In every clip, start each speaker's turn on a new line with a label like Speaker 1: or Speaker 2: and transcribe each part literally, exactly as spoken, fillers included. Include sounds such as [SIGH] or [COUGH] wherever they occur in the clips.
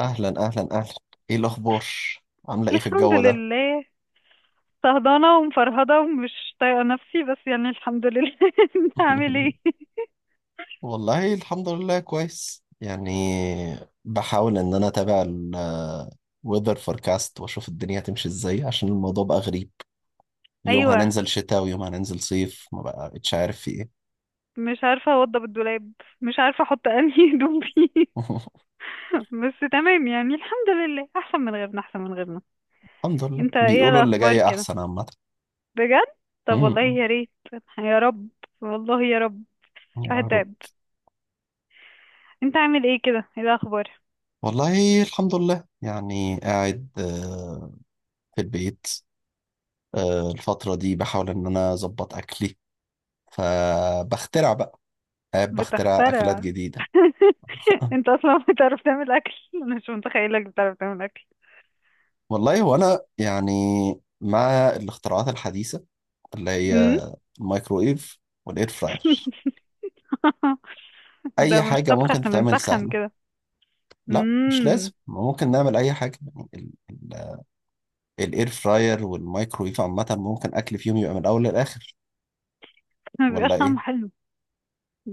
Speaker 1: اهلا اهلا اهلا، ايه الاخبار؟ عامله ايه في
Speaker 2: الحمد
Speaker 1: الجو ده؟
Speaker 2: لله. صهدانة ومفرهدة ومش طايقة نفسي، بس يعني الحمد لله. [LAUGHS] انت عامل ايه؟
Speaker 1: [LAUGHS] والله الحمد لله كويس يعني. بحاول ان انا اتابع الويذر فوركاست واشوف الدنيا هتمشي ازاي عشان الموضوع بقى غريب. يوم
Speaker 2: ايوه.
Speaker 1: هننزل شتاء ويوم هننزل صيف ما بقتش عارف في ايه.
Speaker 2: مش عارفة اوضب الدولاب، مش عارفة احط انهي هدوم فيه. [LAUGHS]
Speaker 1: [LAUGHS]
Speaker 2: بس تمام يعني الحمد لله، احسن من غيرنا احسن من غيرنا.
Speaker 1: الحمد لله
Speaker 2: انت ايه
Speaker 1: بيقولوا اللي
Speaker 2: الاخبار
Speaker 1: جاي
Speaker 2: كده؟
Speaker 1: احسن عامه. [LAUGHS]
Speaker 2: بجد. طب والله
Speaker 1: أمم.
Speaker 2: يا ريت. يا رب، والله يا رب.
Speaker 1: يا رب.
Speaker 2: هتعب. انت عامل ايه كده، ايه الاخبار؟
Speaker 1: والله الحمد لله يعني قاعد آه، في البيت. آه، الفترة دي بحاول إن أنا أظبط أكلي، فبخترع بقى، قاعد بخترع أكلات
Speaker 2: بتخترع؟
Speaker 1: جديدة.
Speaker 2: [LAUGHS]
Speaker 1: [LAUGHS]
Speaker 2: انت اصلا بتعرف تعمل اكل؟ انا مش متخيلك بتعرف تعمل اكل.
Speaker 1: والله وأنا يعني مع الاختراعات الحديثة اللي
Speaker 2: أمم.
Speaker 1: هي الميكرويف والإير فراير،
Speaker 2: [LAUGHS] [LAUGHS] ده
Speaker 1: أي
Speaker 2: مش
Speaker 1: حاجة
Speaker 2: طبخ،
Speaker 1: ممكن
Speaker 2: احنا
Speaker 1: تتعمل
Speaker 2: بنسخن
Speaker 1: سهلة.
Speaker 2: كده.
Speaker 1: لا مش لازم،
Speaker 2: امم.
Speaker 1: ما ممكن نعمل أي حاجة يعني ال- ال- الإير فراير والميكرويف عامة ممكن أكل فيهم يبقى من الأول للآخر،
Speaker 2: ما
Speaker 1: ولا
Speaker 2: بيبقاش
Speaker 1: إيه؟
Speaker 2: طعمه حلو.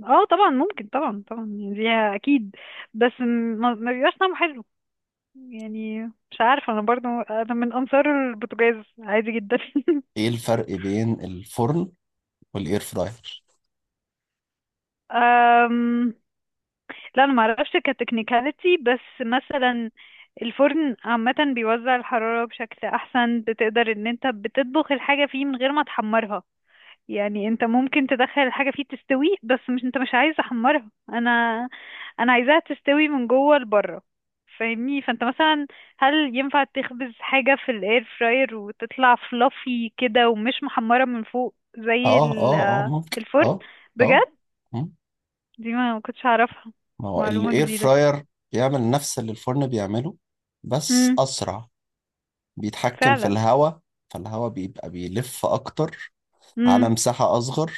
Speaker 2: اه طبعا ممكن، طبعا طبعا، يعني دي اكيد. بس م- ما ما بيبقاش طعمه حلو يعني. مش عارفه انا، برضو انا من انصار البوتاجاز عادي جدا. [LAUGHS]
Speaker 1: إيه الفرق بين الفرن والإير فراير؟
Speaker 2: أم... لا انا ما اعرفش كتكنيكاليتي، بس مثلا الفرن عامة بيوزع الحرارة بشكل أحسن. بتقدر إن أنت بتطبخ الحاجة فيه من غير ما تحمرها، يعني انت ممكن تدخل الحاجة فيه تستوي، بس مش انت مش عايز تحمرها. انا انا عايزاها تستوي من جوه لبره، فاهمني؟ فانت مثلا، هل ينفع تخبز حاجة في الاير فراير وتطلع فلافي كده ومش محمرة من فوق زي
Speaker 1: آه آه آه
Speaker 2: ال-
Speaker 1: ممكن
Speaker 2: الفرن؟
Speaker 1: آه. آه.
Speaker 2: بجد،
Speaker 1: مم.
Speaker 2: دي ما كنتش اعرفها.
Speaker 1: ما هو
Speaker 2: معلومة
Speaker 1: الاير
Speaker 2: جديدة.
Speaker 1: فراير بيعمل نفس اللي الفرن بيعمله، بس
Speaker 2: امم.
Speaker 1: اسرع. بيتحكم في
Speaker 2: فعلا.
Speaker 1: الهواء، فالهواء بيبقى بيلف اكتر على
Speaker 2: امم.
Speaker 1: مساحة اصغر،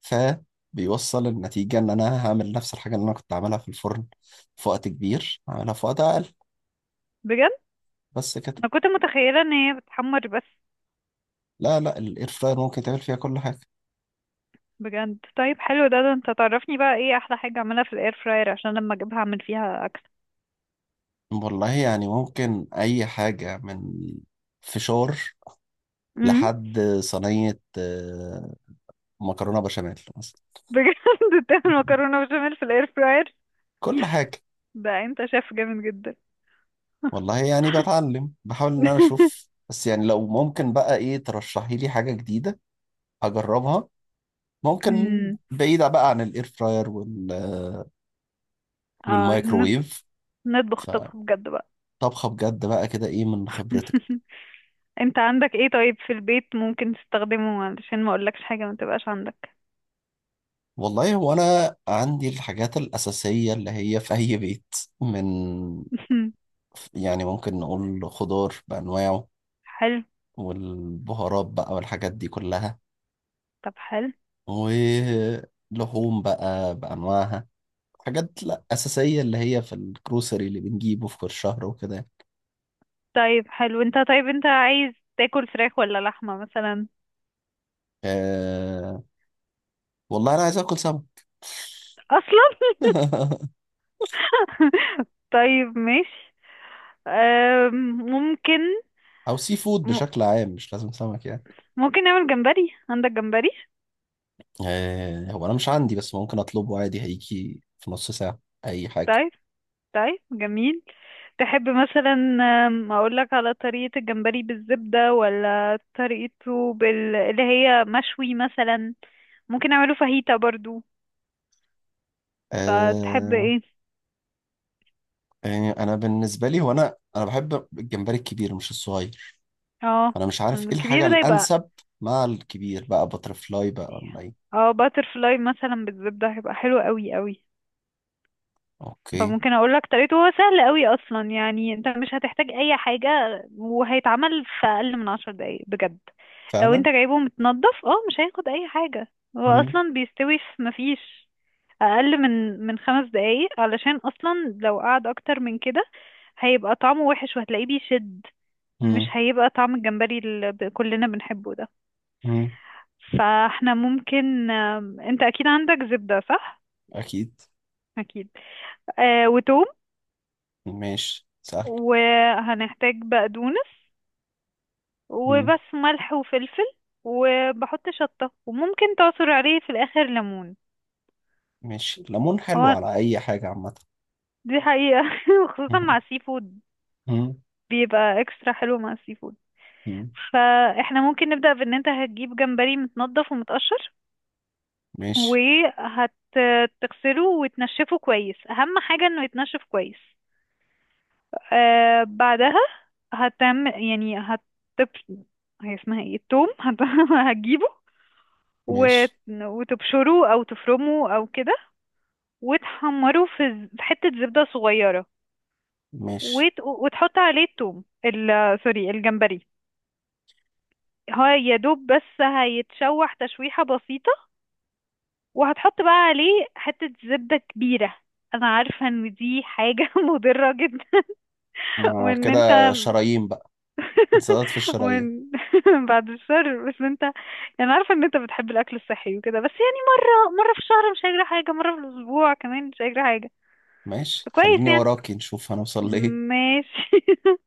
Speaker 1: فبيوصل النتيجة ان انا هعمل نفس الحاجة اللي انا كنت عاملها في الفرن في وقت كبير، هعملها في وقت اقل.
Speaker 2: بجد.
Speaker 1: بس كده.
Speaker 2: انا كنت متخيلة ان هي بتحمر بس.
Speaker 1: لا لا، الاير فراير ممكن تعمل فيها كل حاجة.
Speaker 2: بجد؟ طيب حلو ده. ده انت تعرفني بقى ايه احلى حاجة اعملها في الاير فراير عشان لما اجيبها اعمل فيها اكل.
Speaker 1: والله يعني ممكن اي حاجة، من فشار
Speaker 2: امم.
Speaker 1: لحد صينية آه، مكرونة بشاميل مثلا.
Speaker 2: بجد؟ [LAUGHS] تعمل مكرونه بشاميل في الاير فراير؟
Speaker 1: كل حاجة.
Speaker 2: ده انت شايف جامد جدا.
Speaker 1: والله يعني بتعلم، بحاول ان انا اشوف،
Speaker 2: [LAUGHS]
Speaker 1: بس يعني لو ممكن بقى ايه ترشحي لي حاجة جديدة اجربها، ممكن
Speaker 2: امم.
Speaker 1: بعيدة بقى عن الاير فراير وال
Speaker 2: اه ن-
Speaker 1: والمايكرويف.
Speaker 2: نطبخ
Speaker 1: فطبخة
Speaker 2: طبخ بجد بقى.
Speaker 1: بجد بقى كده، ايه من خبرتك؟
Speaker 2: [LAUGHS] انت عندك ايه طيب في البيت ممكن تستخدمه، علشان ما اقولكش حاجه ما تبقاش عندك.
Speaker 1: والله هو انا عندي الحاجات الأساسية اللي هي في اي بيت، من
Speaker 2: [LAUGHS]
Speaker 1: يعني ممكن نقول خضار بأنواعه،
Speaker 2: حلو.
Speaker 1: والبهارات بقى والحاجات دي كلها،
Speaker 2: طب حلو.
Speaker 1: ولحوم بقى بأنواعها، حاجات لا أساسية اللي هي في الجروسري اللي بنجيبه في كل شهر وكده يعني.
Speaker 2: طيب حلو، انت طيب انت عايز تاكل فراخ ولا لحمه مثلا؟
Speaker 1: أه، والله أنا عايز آكل سمك.
Speaker 2: اصلا.
Speaker 1: [LAUGHS]
Speaker 2: [LAUGHS] طيب ماشي. أم، ممكن.
Speaker 1: أو سي فود
Speaker 2: م-
Speaker 1: بشكل عام، مش لازم سمك يعني.
Speaker 2: ممكن نعمل جمبري؟ عندك جمبري؟
Speaker 1: أه، هو أنا مش عندي بس ممكن أطلبه عادي، هيجي في نص ساعة. أي حاجة.
Speaker 2: طيب. طيب جميل. تحب مثلا، آم، اقولك على طريقة الجمبري بالزبدة، ولا طريقته بال... اللي هي مشوي مثلا؟ ممكن اعمله فاهيتا برضو. فتحب
Speaker 1: أه،
Speaker 2: ايه؟
Speaker 1: يعني أنا بالنسبة لي، هو أنا أنا بحب الجمبري الكبير مش الصغير.
Speaker 2: اه،
Speaker 1: أنا مش عارف إيه الحاجة
Speaker 2: الكبير ده يبقى.
Speaker 1: الأنسب، مع الكبير بقى بترفلاي بقى،
Speaker 2: إيه؟
Speaker 1: ولا إيه؟
Speaker 2: اه باتر فلاي مثلا بالزبدة، هيبقى حلو قوي قوي.
Speaker 1: أوكي.
Speaker 2: فممكن اقول لك طريقته. هو سهل قوي اصلا، يعني انت مش هتحتاج اي حاجه. وهيتعمل في اقل من عشر دقايق بجد. لو
Speaker 1: فعلا.
Speaker 2: انت جايبه متنضف، اه مش هياخد اي حاجه. هو
Speaker 1: مم.
Speaker 2: اصلا بيستوي في، مفيش اقل من من خمس دقايق، علشان اصلا لو قعد اكتر من كده هيبقى طعمه وحش وهتلاقيه بيشد. مش
Speaker 1: مم.
Speaker 2: هيبقى طعم الجمبري اللي ب- كلنا بنحبه ده.
Speaker 1: مم.
Speaker 2: فاحنا ممكن، آم، انت اكيد عندك زبدة صح؟
Speaker 1: أكيد.
Speaker 2: اكيد. آه وتوم.
Speaker 1: ماشي سهل.
Speaker 2: وهنحتاج بقدونس،
Speaker 1: مم.
Speaker 2: وبس ملح وفلفل. وبحط شطة، وممكن تعصر عليه في الآخر ليمون.
Speaker 1: ماشي، ليمون حلو
Speaker 2: هو
Speaker 1: على أي حاجة عامة.
Speaker 2: دي حقيقة، [LAUGHS] وخصوصا
Speaker 1: مم.
Speaker 2: مع السي فود
Speaker 1: مم.
Speaker 2: بيبقى اكسترا حلو مع السي فود.
Speaker 1: مم.
Speaker 2: فاحنا ممكن نبدأ بان انت هتجيب جمبري متنضف ومتقشر.
Speaker 1: ماشي.
Speaker 2: وهتغسله وتنشفه كويس، اهم حاجة انه يتنشف كويس. آه بعدها هتعمل يعني هتب هي اسمها ايه التوم. [LAUGHS] هت- هتجيبه،
Speaker 1: ماشي.
Speaker 2: وت- وتبشروه او تفرموه او كده. وتحمره في ز- في حتة زبدة صغيرة.
Speaker 1: ماشي.
Speaker 2: وت- وتحط عليه التوم، ال- سوري الجمبري. هو يا دوب بس هيتشوح تشويحة بسيطة. وهتحط بقى عليه حتة زبدة كبيرة. انا عارفة ان دي حاجة [LAUGHS] مضرة جدا،
Speaker 1: ما
Speaker 2: وان انت
Speaker 1: كده، شرايين بقى،
Speaker 2: [LAUGHS]
Speaker 1: انسداد في الشرايين.
Speaker 2: وان [LAUGHS] بعد الشر، بس انت. انا عارفة ان انت بتحب الاكل الصحي وكده، بس يعني مرة مرة في الشهر مش هيجرى حاجة، مرة في الاسبوع كمان مش هيجرى حاجة.
Speaker 1: ماشي،
Speaker 2: كويس
Speaker 1: خليني
Speaker 2: يعني.
Speaker 1: وراكي نشوف هنوصل لإيه.
Speaker 2: ماشي. [LAUGHS]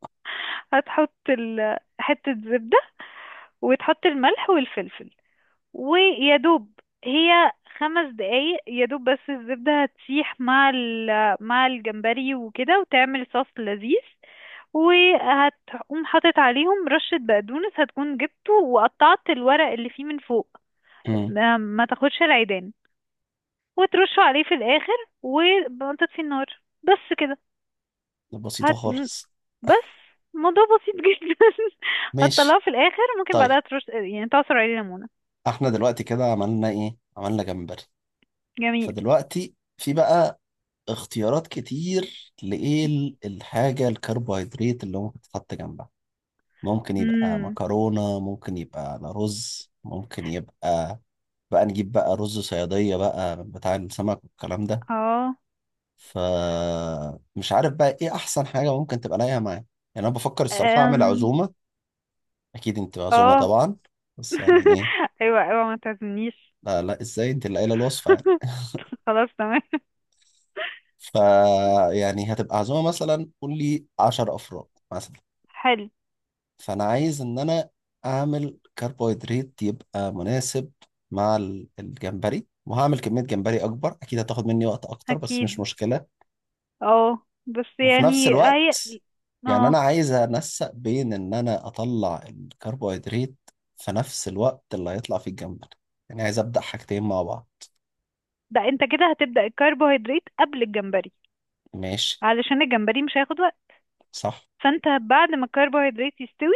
Speaker 2: هتحط ال- حتة زبدة، وتحط الملح والفلفل. ويا دوب هي خمس دقايق يا دوب، بس الزبدة هتسيح مع ال- مع الجمبري وكده، وتعمل صوص لذيذ. وهتقوم حاطط عليهم رشة بقدونس، هتكون جبته وقطعت الورق اللي فيه من فوق.
Speaker 1: مم.
Speaker 2: ما ما تاخدش العيدان، وترشه عليه في الآخر وتطفي النار، بس كده.
Speaker 1: بسيطة
Speaker 2: هت...
Speaker 1: خالص.
Speaker 2: بس الموضوع بسيط جدا. [LAUGHS] هتطلعه
Speaker 1: ماشي.
Speaker 2: في الاخر، ممكن
Speaker 1: طيب،
Speaker 2: بعدها ترش يعني تعصر عليه ليمونة.
Speaker 1: احنا دلوقتي كده عملنا إيه؟ عملنا جمبري.
Speaker 2: جميل.
Speaker 1: فدلوقتي في بقى اختيارات كتير، لإيه ال- الحاجة الكربوهيدرات اللي ممكن تتحط جنبها. ممكن يبقى
Speaker 2: امم.
Speaker 1: مكرونة، ممكن يبقى على رز، ممكن يبقى، بقى نجيب بقى رز صيادية بقى بتاع السمك والكلام ده.
Speaker 2: اه.
Speaker 1: فمش عارف بقى ايه احسن حاجة ممكن تبقى لايقة معايا. يعني انا بفكر الصراحة اعمل
Speaker 2: أم.
Speaker 1: عزومة، اكيد انت عزومة
Speaker 2: اه.
Speaker 1: طبعا، بس يعني ايه.
Speaker 2: [LAUGHS] ايوه ايوه ما تعزمنيش.
Speaker 1: لا لا، ازاي، انت اللي قايلة الوصفة يعني.
Speaker 2: [LAUGHS] خلاص تمام.
Speaker 1: ف يعني هتبقى عزومة مثلا، قول لي عشر افراد مثلا.
Speaker 2: حلو.
Speaker 1: فانا عايز ان انا اعمل كربوهيدرات يبقى مناسب مع ال- الجمبري، وهعمل كمية جمبري اكبر، اكيد هتاخد مني وقت اكتر بس مش
Speaker 2: اكيد.
Speaker 1: مشكلة.
Speaker 2: اه بس
Speaker 1: وفي نفس
Speaker 2: يعني
Speaker 1: الوقت
Speaker 2: هي.
Speaker 1: يعني
Speaker 2: اه،
Speaker 1: انا عايز انسق بين ان انا اطلع الكربوهيدرات في نفس الوقت اللي هيطلع فيه الجمبري، يعني عايز ابدا حاجتين مع بعض.
Speaker 2: ده انت كده هتبدأ الكربوهيدرات قبل الجمبري،
Speaker 1: ماشي.
Speaker 2: علشان الجمبري مش هياخد وقت.
Speaker 1: صح.
Speaker 2: فانت بعد ما الكربوهيدرات يستوي،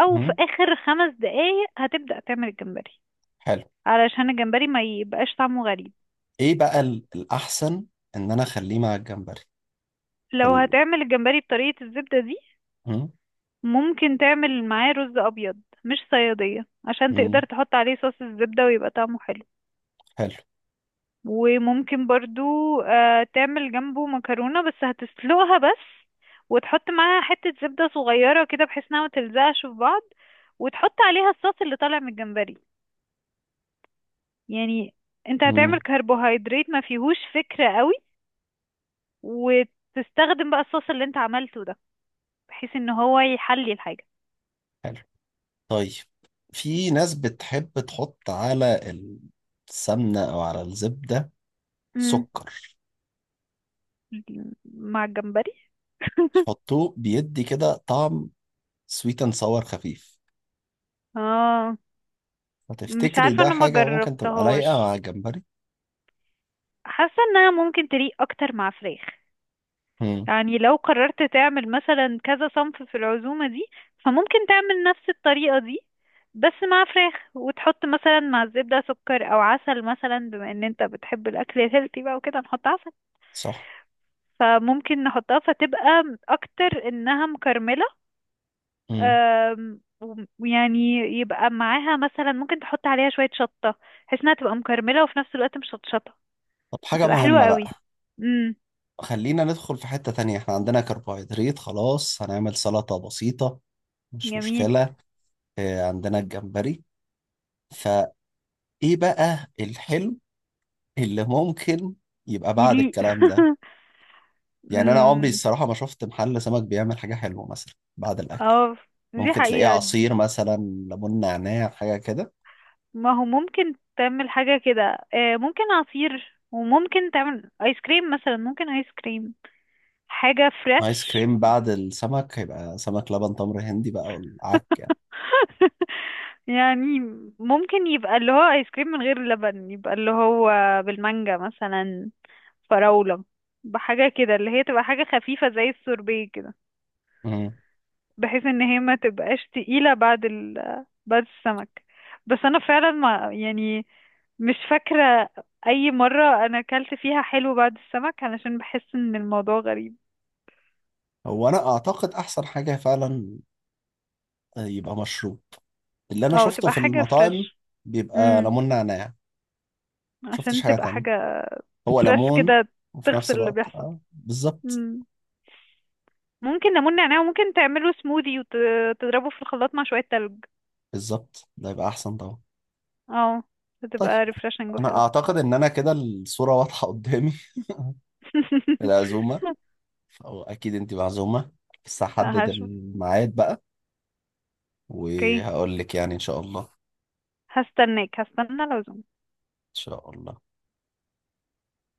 Speaker 2: او في
Speaker 1: مم.
Speaker 2: اخر خمس دقايق، هتبدأ تعمل الجمبري،
Speaker 1: حلو.
Speaker 2: علشان الجمبري ما يبقاش طعمه غريب.
Speaker 1: ايه بقى ال- الاحسن، ان انا اخليه مع الجمبري
Speaker 2: لو
Speaker 1: وال...
Speaker 2: هتعمل الجمبري بطريقة الزبدة دي،
Speaker 1: مم.
Speaker 2: ممكن تعمل معاه رز أبيض، مش صيادية، عشان
Speaker 1: مم.
Speaker 2: تقدر تحط عليه صوص الزبدة ويبقى طعمه حلو.
Speaker 1: حلو.
Speaker 2: وممكن برضو، آه، تعمل جنبه مكرونة، بس هتسلقها بس، وتحط معاها حتة زبدة صغيرة كده بحيث انها متلزقش في بعض. وتحط عليها الصوص اللي طالع من الجمبري. يعني انت
Speaker 1: مم.
Speaker 2: هتعمل كربوهيدرات ما فيهوش فكرة قوي، وتستخدم بقى الصوص اللي انت عملته ده، بحيث ان هو يحلي الحاجة.
Speaker 1: حلو. طيب، في ناس بتحب تحط على السمنة او على الزبدة
Speaker 2: امم.
Speaker 1: سكر،
Speaker 2: مع الجمبري؟ [LAUGHS]
Speaker 1: يحطوه بيدي كده، طعم سويت اند ساور خفيف.
Speaker 2: اه، مش
Speaker 1: فتفتكري
Speaker 2: عارفة،
Speaker 1: ده
Speaker 2: انا ما
Speaker 1: حاجة ممكن تبقى لايقة مع
Speaker 2: جربتهاش.
Speaker 1: الجمبري؟
Speaker 2: حاسة انها ممكن تليق اكتر مع فراخ.
Speaker 1: امم.
Speaker 2: يعني لو قررت تعمل مثلا كذا صنف في العزومة دي، فممكن تعمل نفس الطريقة دي بس مع فراخ، وتحط مثلا مع الزبدة سكر او عسل مثلا، بما ان انت بتحب الاكل الهيلثي بقى وكده نحط عسل.
Speaker 1: صح.
Speaker 2: فممكن نحطها فتبقى اكتر انها مكرملة.
Speaker 1: امم.
Speaker 2: آم، وم- ويعني يبقى معاها مثلا ممكن تحط عليها شوية شطة، بحيث انها تبقى مكرملة وفي نفس الوقت مش شطشطة.
Speaker 1: طب، حاجة
Speaker 2: هتبقى حلوة
Speaker 1: مهمة
Speaker 2: قوي.
Speaker 1: بقى،
Speaker 2: امم.
Speaker 1: خلينا ندخل في حتة تانية. احنا عندنا كربوهيدرات خلاص، هنعمل سلطة بسيطة، مش
Speaker 2: جميل.
Speaker 1: مشكلة. اه عندنا الجمبري، فايه بقى الحلو اللي ممكن يبقى بعد
Speaker 2: يليق.
Speaker 1: الكلام ده؟
Speaker 2: [LAUGHS]
Speaker 1: يعني انا عمري
Speaker 2: امم.
Speaker 1: الصراحة ما شفت محل سمك بيعمل حاجة حلوة مثلا بعد الاكل.
Speaker 2: اه، دي
Speaker 1: ممكن تلاقيه
Speaker 2: حقيقة.
Speaker 1: عصير مثلا، ليمون نعناع حاجة كده.
Speaker 2: ما هو ممكن تعمل حاجة كده، آه، ممكن عصير وممكن تعمل ايس كريم مثلا، ممكن ايس كريم، حاجة فريش.
Speaker 1: ايس كريم بعد السمك هيبقى سمك لبن تمر هندي بقى والعك.
Speaker 2: [LAUGHS] يعني ممكن يبقى اللي هو ايس كريم من غير لبن، يبقى اللي هو بالمانجا مثلا، فراولة، بحاجة كده اللي هي تبقى حاجة خفيفة زي السوربيه كده،
Speaker 1: مم.
Speaker 2: بحيث ان هي ما تبقاش تقيلة بعد ال بعد السمك. بس انا فعلا ما يعني، مش فاكرة اي مرة انا اكلت فيها حلو بعد السمك، علشان بحس ان الموضوع غريب.
Speaker 1: هو انا اعتقد احسن حاجه فعلا آه، يبقى مشروب، اللي انا
Speaker 2: اه
Speaker 1: شفته
Speaker 2: تبقى
Speaker 1: في
Speaker 2: حاجة
Speaker 1: المطاعم
Speaker 2: فريش.
Speaker 1: بيبقى
Speaker 2: امم.
Speaker 1: ليمون نعناع. شفتش
Speaker 2: عشان
Speaker 1: حاجه
Speaker 2: تبقى
Speaker 1: تانية.
Speaker 2: حاجة
Speaker 1: هو
Speaker 2: فريش
Speaker 1: ليمون،
Speaker 2: كده،
Speaker 1: وفي
Speaker 2: تغسل
Speaker 1: نفس
Speaker 2: اللي
Speaker 1: الوقت،
Speaker 2: بيحصل.
Speaker 1: اه بالظبط.
Speaker 2: امم. ممكن ليمون نعناع، وممكن تعمله سموذي وتضربه في الخلاط مع شوية تلج.
Speaker 1: بالظبط، ده يبقى احسن طبعا.
Speaker 2: اه
Speaker 1: طيب،
Speaker 2: هتبقى ريفرشنج
Speaker 1: انا
Speaker 2: وحلو.
Speaker 1: اعتقد ان انا كده الصوره واضحه قدامي. [LAUGHS]
Speaker 2: [LAUGHS]
Speaker 1: العزومه، او اكيد انت معزومه، بس
Speaker 2: لا
Speaker 1: هحدد
Speaker 2: هشوف.
Speaker 1: الميعاد بقى
Speaker 2: اوكي.
Speaker 1: وهقول لك، يعني ان شاء الله ان
Speaker 2: هستناك هستنى العزومة.
Speaker 1: شاء الله.